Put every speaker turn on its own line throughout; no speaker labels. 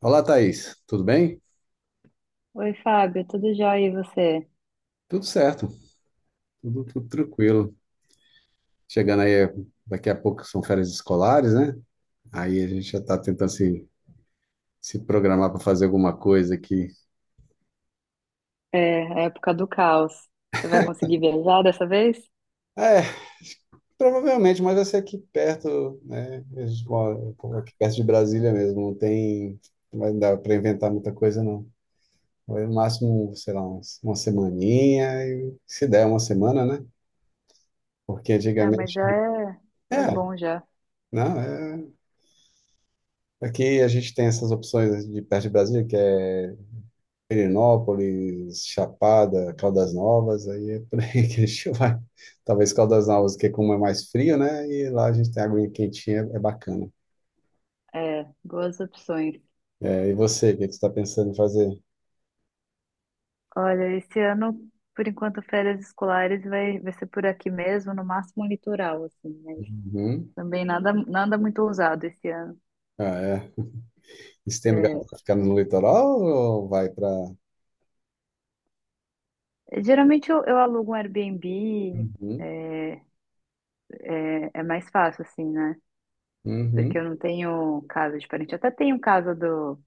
Olá, Thaís. Tudo bem?
Oi, Fábio, tudo jóia e você?
Tudo certo, tudo tranquilo. Chegando aí, daqui a pouco são férias escolares, né? Aí a gente já está tentando se programar para fazer alguma coisa aqui.
É, a época do caos. Você vai conseguir viajar dessa vez?
É, provavelmente, mas vai ser aqui perto, né? Eu moro aqui perto de Brasília mesmo. Não vai dar para inventar muita coisa, não. Vai no máximo, sei lá, uma semaninha, e se der uma semana, né? Porque
Ah, mas
antigamente.
já é
É,
bom já.
não, é. Aqui a gente tem essas opções de perto de Brasília, que é Perinópolis, Chapada, Caldas Novas, aí é por aí que a gente vai. Talvez Caldas Novas, que é como é mais frio, né? E lá a gente tem aguinha quentinha, é bacana.
É, boas opções.
É, e você, o que é que você está pensando em fazer?
Olha, esse ano, por enquanto, férias escolares vai ser por aqui mesmo, no máximo um litoral, assim, mas
Uhum.
também nada, nada muito ousado esse ano.
Ah, é. Você tem lugar
É,
para ficar no litoral ou vai para.
geralmente eu alugo um Airbnb,
Uhum.
é, é mais fácil, assim, né? Porque
Uhum.
eu não tenho casa de parente. Eu até tenho casa do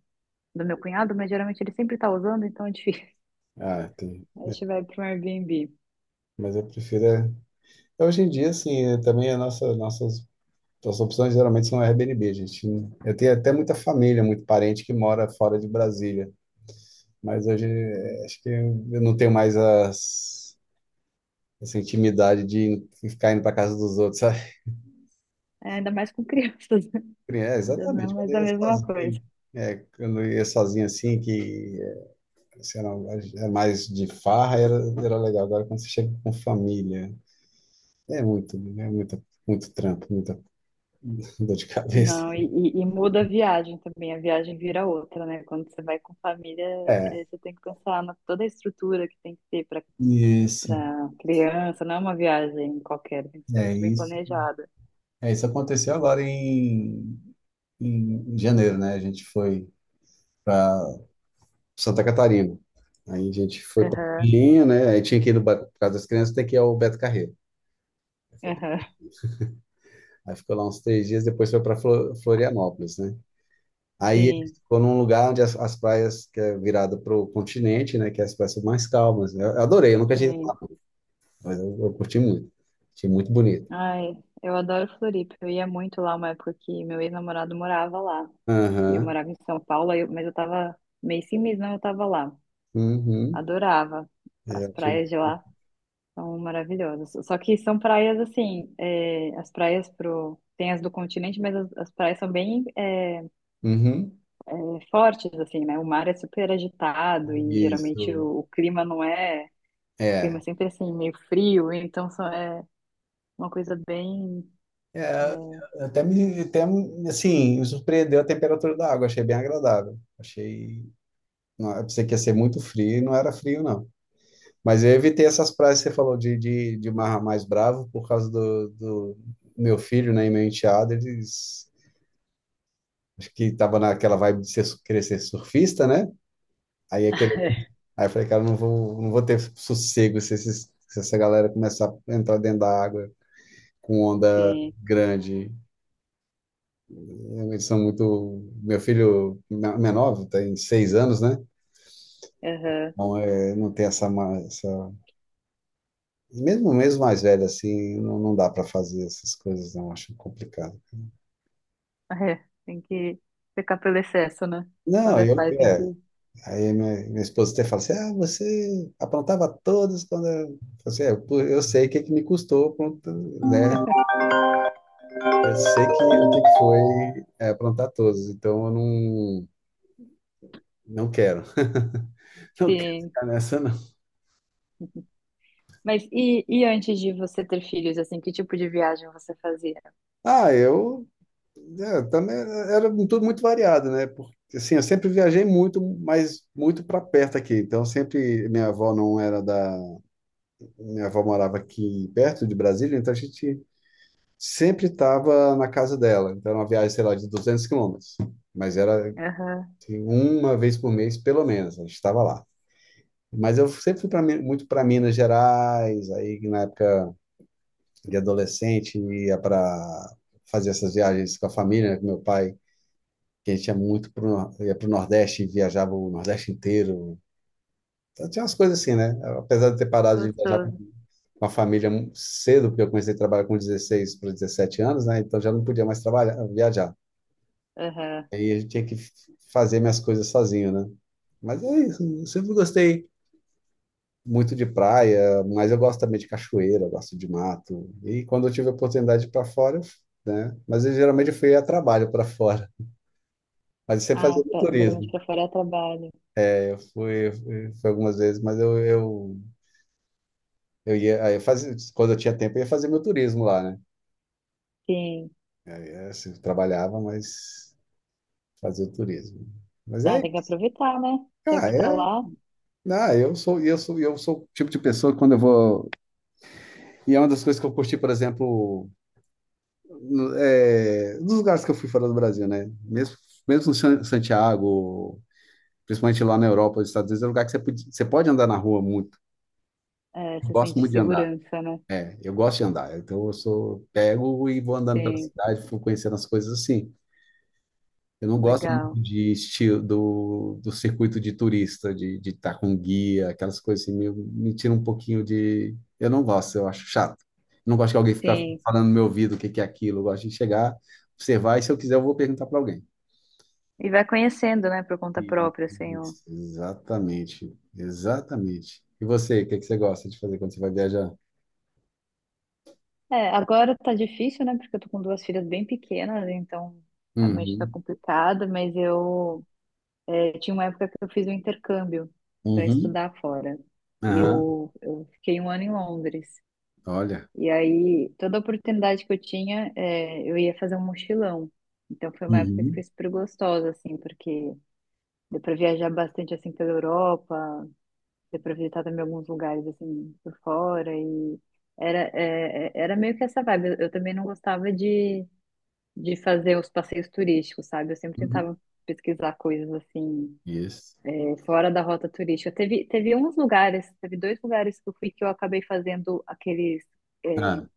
do meu cunhado, mas geralmente ele sempre tá usando, então é difícil.
Ah, tem.
Aí a gente vai para um Airbnb.
Mas eu prefiro. Hoje em dia, assim, é, também a nossa, nossas então, as opções geralmente são Airbnb, gente. Eu tenho até muita família, muito parente que mora fora de Brasília, mas hoje acho que eu não tenho mais essa intimidade de ficar indo para casa dos outros, sabe?
É, ainda mais com crianças, né?
É,
Já não é
exatamente. Quando
mais
eu
a
ia
mesma coisa.
sozinho, é, quando eu ia sozinho assim, que eh, assim, era, era mais de farra, era legal. Agora, quando você chega com família, muito trampo, muita dor de cabeça.
Não, e muda a viagem também, a viagem vira outra, né? Quando você vai com família,
É,
você tem que pensar na toda a estrutura que tem que ter para
isso,
para criança, não é uma viagem qualquer, tem que ser
é
muito bem
isso.
planejada.
É, isso aconteceu agora em janeiro, né? A gente foi para Santa Catarina. Aí a gente foi para
Aham,
Linha, né? Aí tinha que ir no ba- por causa das crianças, tem que ir ao Beto Carreiro.
aham,
Aí ficou lá uns 3 dias, depois foi para Florianópolis, né? Aí
sim,
ficou num lugar onde as praias, que é virada para o continente, né? Que as praias são mais calmas. Eu adorei, eu nunca tinha ido lá,
sim.
não, mas eu curti muito. Achei muito bonito.
Ai, eu adoro Floripa, eu ia muito lá uma época que meu ex-namorado morava lá. E eu
Aham,
morava em São Paulo, aí eu- mas eu tava mês sim, mês não, eu tava lá.
uhum,
Adorava.
é,
As
eu achei-
praias de lá são maravilhosas. Só que são praias assim, é, as praias pro. Tem as do continente, mas as praias são bem é,
uhum,
fortes, assim, né? O mar é super agitado e geralmente
isso,
o clima não é. O clima
é.
é sempre assim, meio frio, então só é uma coisa bem.
É, até me, até, assim, me surpreendeu a temperatura da água, achei bem agradável. Achei, não, eu pensei que ia ser muito frio e não era frio, não. Mas eu evitei essas praias que você falou de mar mais bravo por causa do meu filho, né, e meu enteado, eles... Acho que tava naquela vibe de querer ser surfista, né? Aí, aquele, aí eu falei, cara, eu não vou, não vou ter sossego se essa galera começar a entrar dentro da água com onda
Que,
grande. Realmente são muito. Menor tem 6 anos, né?
aham,
Não, é, não tem essa, ma- essa. Mesmo mais velho assim, não dá para fazer essas coisas, não. Acho complicado.
é, tem que pecar pelo excesso, né?
Não,
Quando é
eu.
pai, tem que
É, aí minha esposa até fala assim: ah, você aprontava todas quando. Falo assim, é, pô, eu sei que me custou, aprontar, né? Eu sei o que que foi aprontar todas, então eu não, não quero. Não quero
se
ficar nessa, não.
Mas e antes de você ter filhos, assim, que tipo de viagem você fazia?
Ah, eu É, também era tudo muito variado, né? Porque assim, eu sempre viajei muito, mas muito para perto aqui. Então sempre minha avó não era da, minha avó morava aqui perto de Brasília, então a gente sempre estava na casa dela. Então era uma viagem, sei lá, de 200 quilômetros, mas era
Aham,
assim, uma vez por mês pelo menos, a gente estava lá. Mas eu sempre muito para Minas Gerais, aí na época de adolescente ia para fazer essas viagens com a família, né, com meu pai que a gente ia pro Nordeste e viajava o Nordeste inteiro. Então, tinha umas coisas assim, né? Apesar de ter parado de viajar
gostoso.
com a família cedo, porque eu comecei a trabalhar com 16 para 17 anos, né? Então já não podia mais trabalhar, viajar.
Aham.
Aí eu tinha que f- fazer minhas coisas sozinho, né? Mas é isso, eu sempre gostei muito de praia, mas eu gosto também de cachoeira, eu gosto de mato. E quando eu tive a oportunidade para fora, né? Mas eu geralmente fui a trabalho para fora. Mas eu sempre
Ah,
fazia
tá, geralmente
turismo.
pra fora é trabalho.
Fui algumas vezes, mas eu ia, aí eu fazia, quando eu tinha tempo, eu ia fazer meu turismo lá, né?
Sim.
Eu assim, eu trabalhava, mas fazia o turismo. Mas
Ah,
é,
tem que
isso.
aproveitar, né? Já
Ah,
que está
é,
lá,
ah, eu sou o tipo de pessoa que quando eu vou, e é uma das coisas que eu curti, por exemplo, nos lugares que eu fui fora do Brasil, né? Mesmo em Santiago, principalmente lá na Europa, nos Estados Unidos, é um lugar que você pode andar na rua muito.
é,
Eu
você
gosto
sente
muito de andar.
segurança, né?
É, eu gosto de andar, então eu sou, pego e vou andando pela
Sim,
cidade, fico conhecendo as coisas assim. Eu não gosto muito
legal.
de estilo do circuito de turista, de estar com guia, aquelas coisas assim, meio, me tira um pouquinho de. Eu não gosto, eu acho chato. Não gosto que alguém fica
Sim.
falando no meu ouvido o que que é aquilo. Eu gosto de chegar, observar, e se eu quiser, eu vou perguntar para alguém.
E vai conhecendo, né, por conta
E-
própria, assim. O-
Isso, exatamente. E você, o que que você gosta de fazer quando você vai viajar?
É, agora tá difícil, né? Porque eu tô com duas filhas bem pequenas, então realmente tá
Uhum,
complicado, mas eu tinha uma época que eu fiz um intercâmbio para
uhum,
estudar fora. E
aham,
eu fiquei um ano em Londres.
olha.
E aí, toda oportunidade que eu tinha, eu ia fazer um mochilão. Então, foi uma época que foi
Uhum.
super gostosa, assim, porque deu para viajar bastante, assim, pela Europa, deu para visitar também alguns lugares, assim, por fora. E era, era meio que essa vibe. Eu também não gostava de fazer os passeios turísticos, sabe? Eu sempre tentava
Uhum.
pesquisar coisas, assim
Isso.
fora da rota turística. Teve uns lugares, teve dois lugares que eu fui que eu acabei fazendo aqueles,
Ah,
é,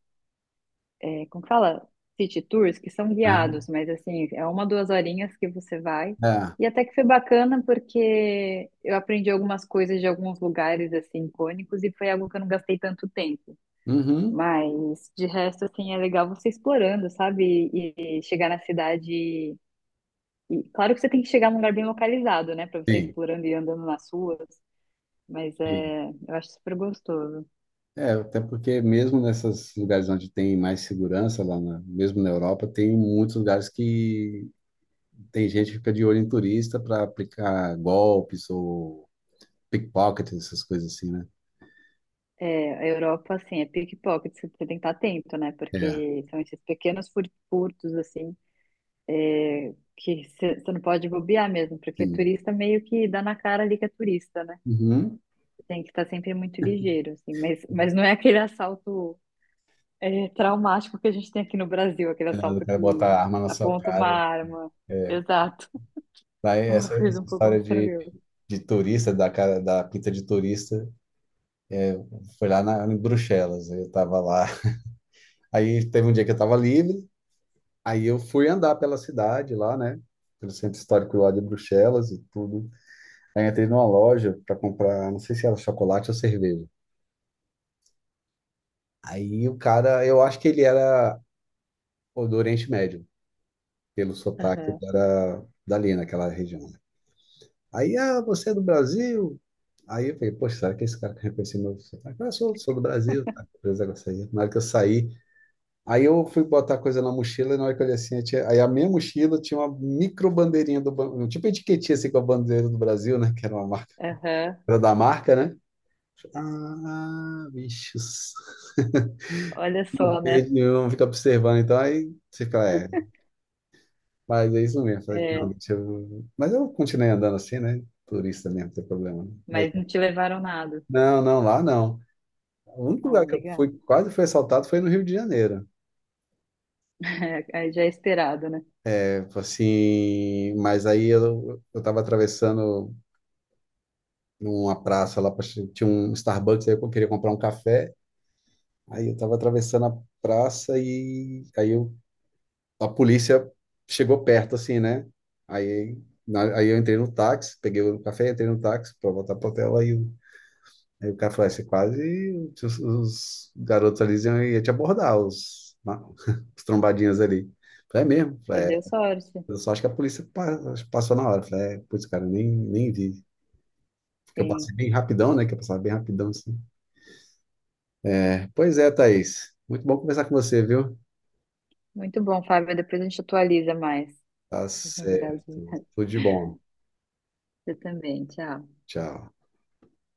como que fala? City tours, que são
aham.
guiados, mas assim, é uma, duas horinhas que você vai.
Ah,
E até que foi bacana porque eu aprendi algumas coisas de alguns lugares, assim, icônicos, e foi algo que eu não gastei tanto tempo.
uhum.
Mas, de resto, assim, é legal você explorando, sabe? E chegar na cidade... E, claro que você tem que chegar num lugar bem localizado, né? Pra você ir
Sim,
explorando e andando nas ruas. Mas
sim.
é, eu acho super gostoso.
É, até porque mesmo nesses lugares onde tem mais segurança, mesmo na Europa, tem muitos lugares que tem gente que fica de olho em turista para aplicar golpes ou pickpockets, essas coisas assim, né?
É, a Europa, assim, é pickpocket, você tem que estar atento, né?
É,
Porque são esses pequenos fur- furtos, assim, é, que você não pode bobear mesmo, porque
sim.
turista meio que dá na cara ali que é turista, né?
Uhum.
Tem que estar sempre muito ligeiro, assim. Mas não é aquele assalto, é, traumático que a gente tem aqui no Brasil, aquele
É, o
assalto
cara
que
bota a arma na sua
aponta uma
cara.
arma. Exato.
Daí
Uma coisa
essa
um pouco
história
mais tranquila.
de turista, da cara, da pinta de turista, foi lá na, em Bruxelas. Eu tava lá. Aí teve um dia que eu tava livre, aí eu fui andar pela cidade lá, né? Pelo centro histórico lá de Bruxelas e tudo. Aí entrei numa loja para comprar, não sei se era chocolate ou cerveja. Aí o cara, eu acho que ele era ou do Oriente Médio, pelo sotaque, ele
Aham,
era dali, naquela região. Né? Aí, ah, você é do Brasil? Aí eu falei, poxa, será que esse cara reconheceu meu sotaque? Ah, sou do Brasil. Tá? Beleza, eu saí. Na hora que eu saí, aí eu fui botar coisa na mochila e na hora que eu olhei assim, aí a minha mochila tinha uma micro um tipo etiquetinha assim com a bandeira do Brasil, né? Que era uma marca,
aham.
era da marca, né? Ah, bichos.
Olha
Não
só, né?
perde, não fica observando, então aí você fica, é, mas é isso mesmo. Eu falei, não,
É,
deixa eu... Mas eu continuei andando assim, né? Turista mesmo, não tem problema. Né? Mas,
mas não te levaram nada.
não, não, lá não. O único
Ah,
lugar que eu
legal.
fui, quase fui assaltado foi no Rio de Janeiro.
Aí já é esperado, né?
Tipo assim, mas aí eu tava atravessando. Numa praça lá, tinha um Starbucks, aí eu queria comprar um café, aí eu tava atravessando a praça a polícia chegou perto, assim, né? Aí, aí eu entrei no táxi, peguei o café, entrei no táxi pra voltar pro hotel, aí o cara falou, "Ah, você quase, os garotos ali iam te abordar, os trombadinhas ali. Eu falei, é mesmo? Eu
Você
falei, é,
deu sorte.
eu só acho que a passou na hora. Eu falei, é, putz, cara, eu nem, nem vi. Porque eu passei
Sim.
bem rapidão, né? Que eu passava bem rapidão, assim. É, pois é, Thaís. Muito bom conversar com você, viu?
Muito bom, Fábio. Depois a gente atualiza mais
Tá
as
certo.
novidades.
Tudo de bom.
Você também. Tchau.
Tchau.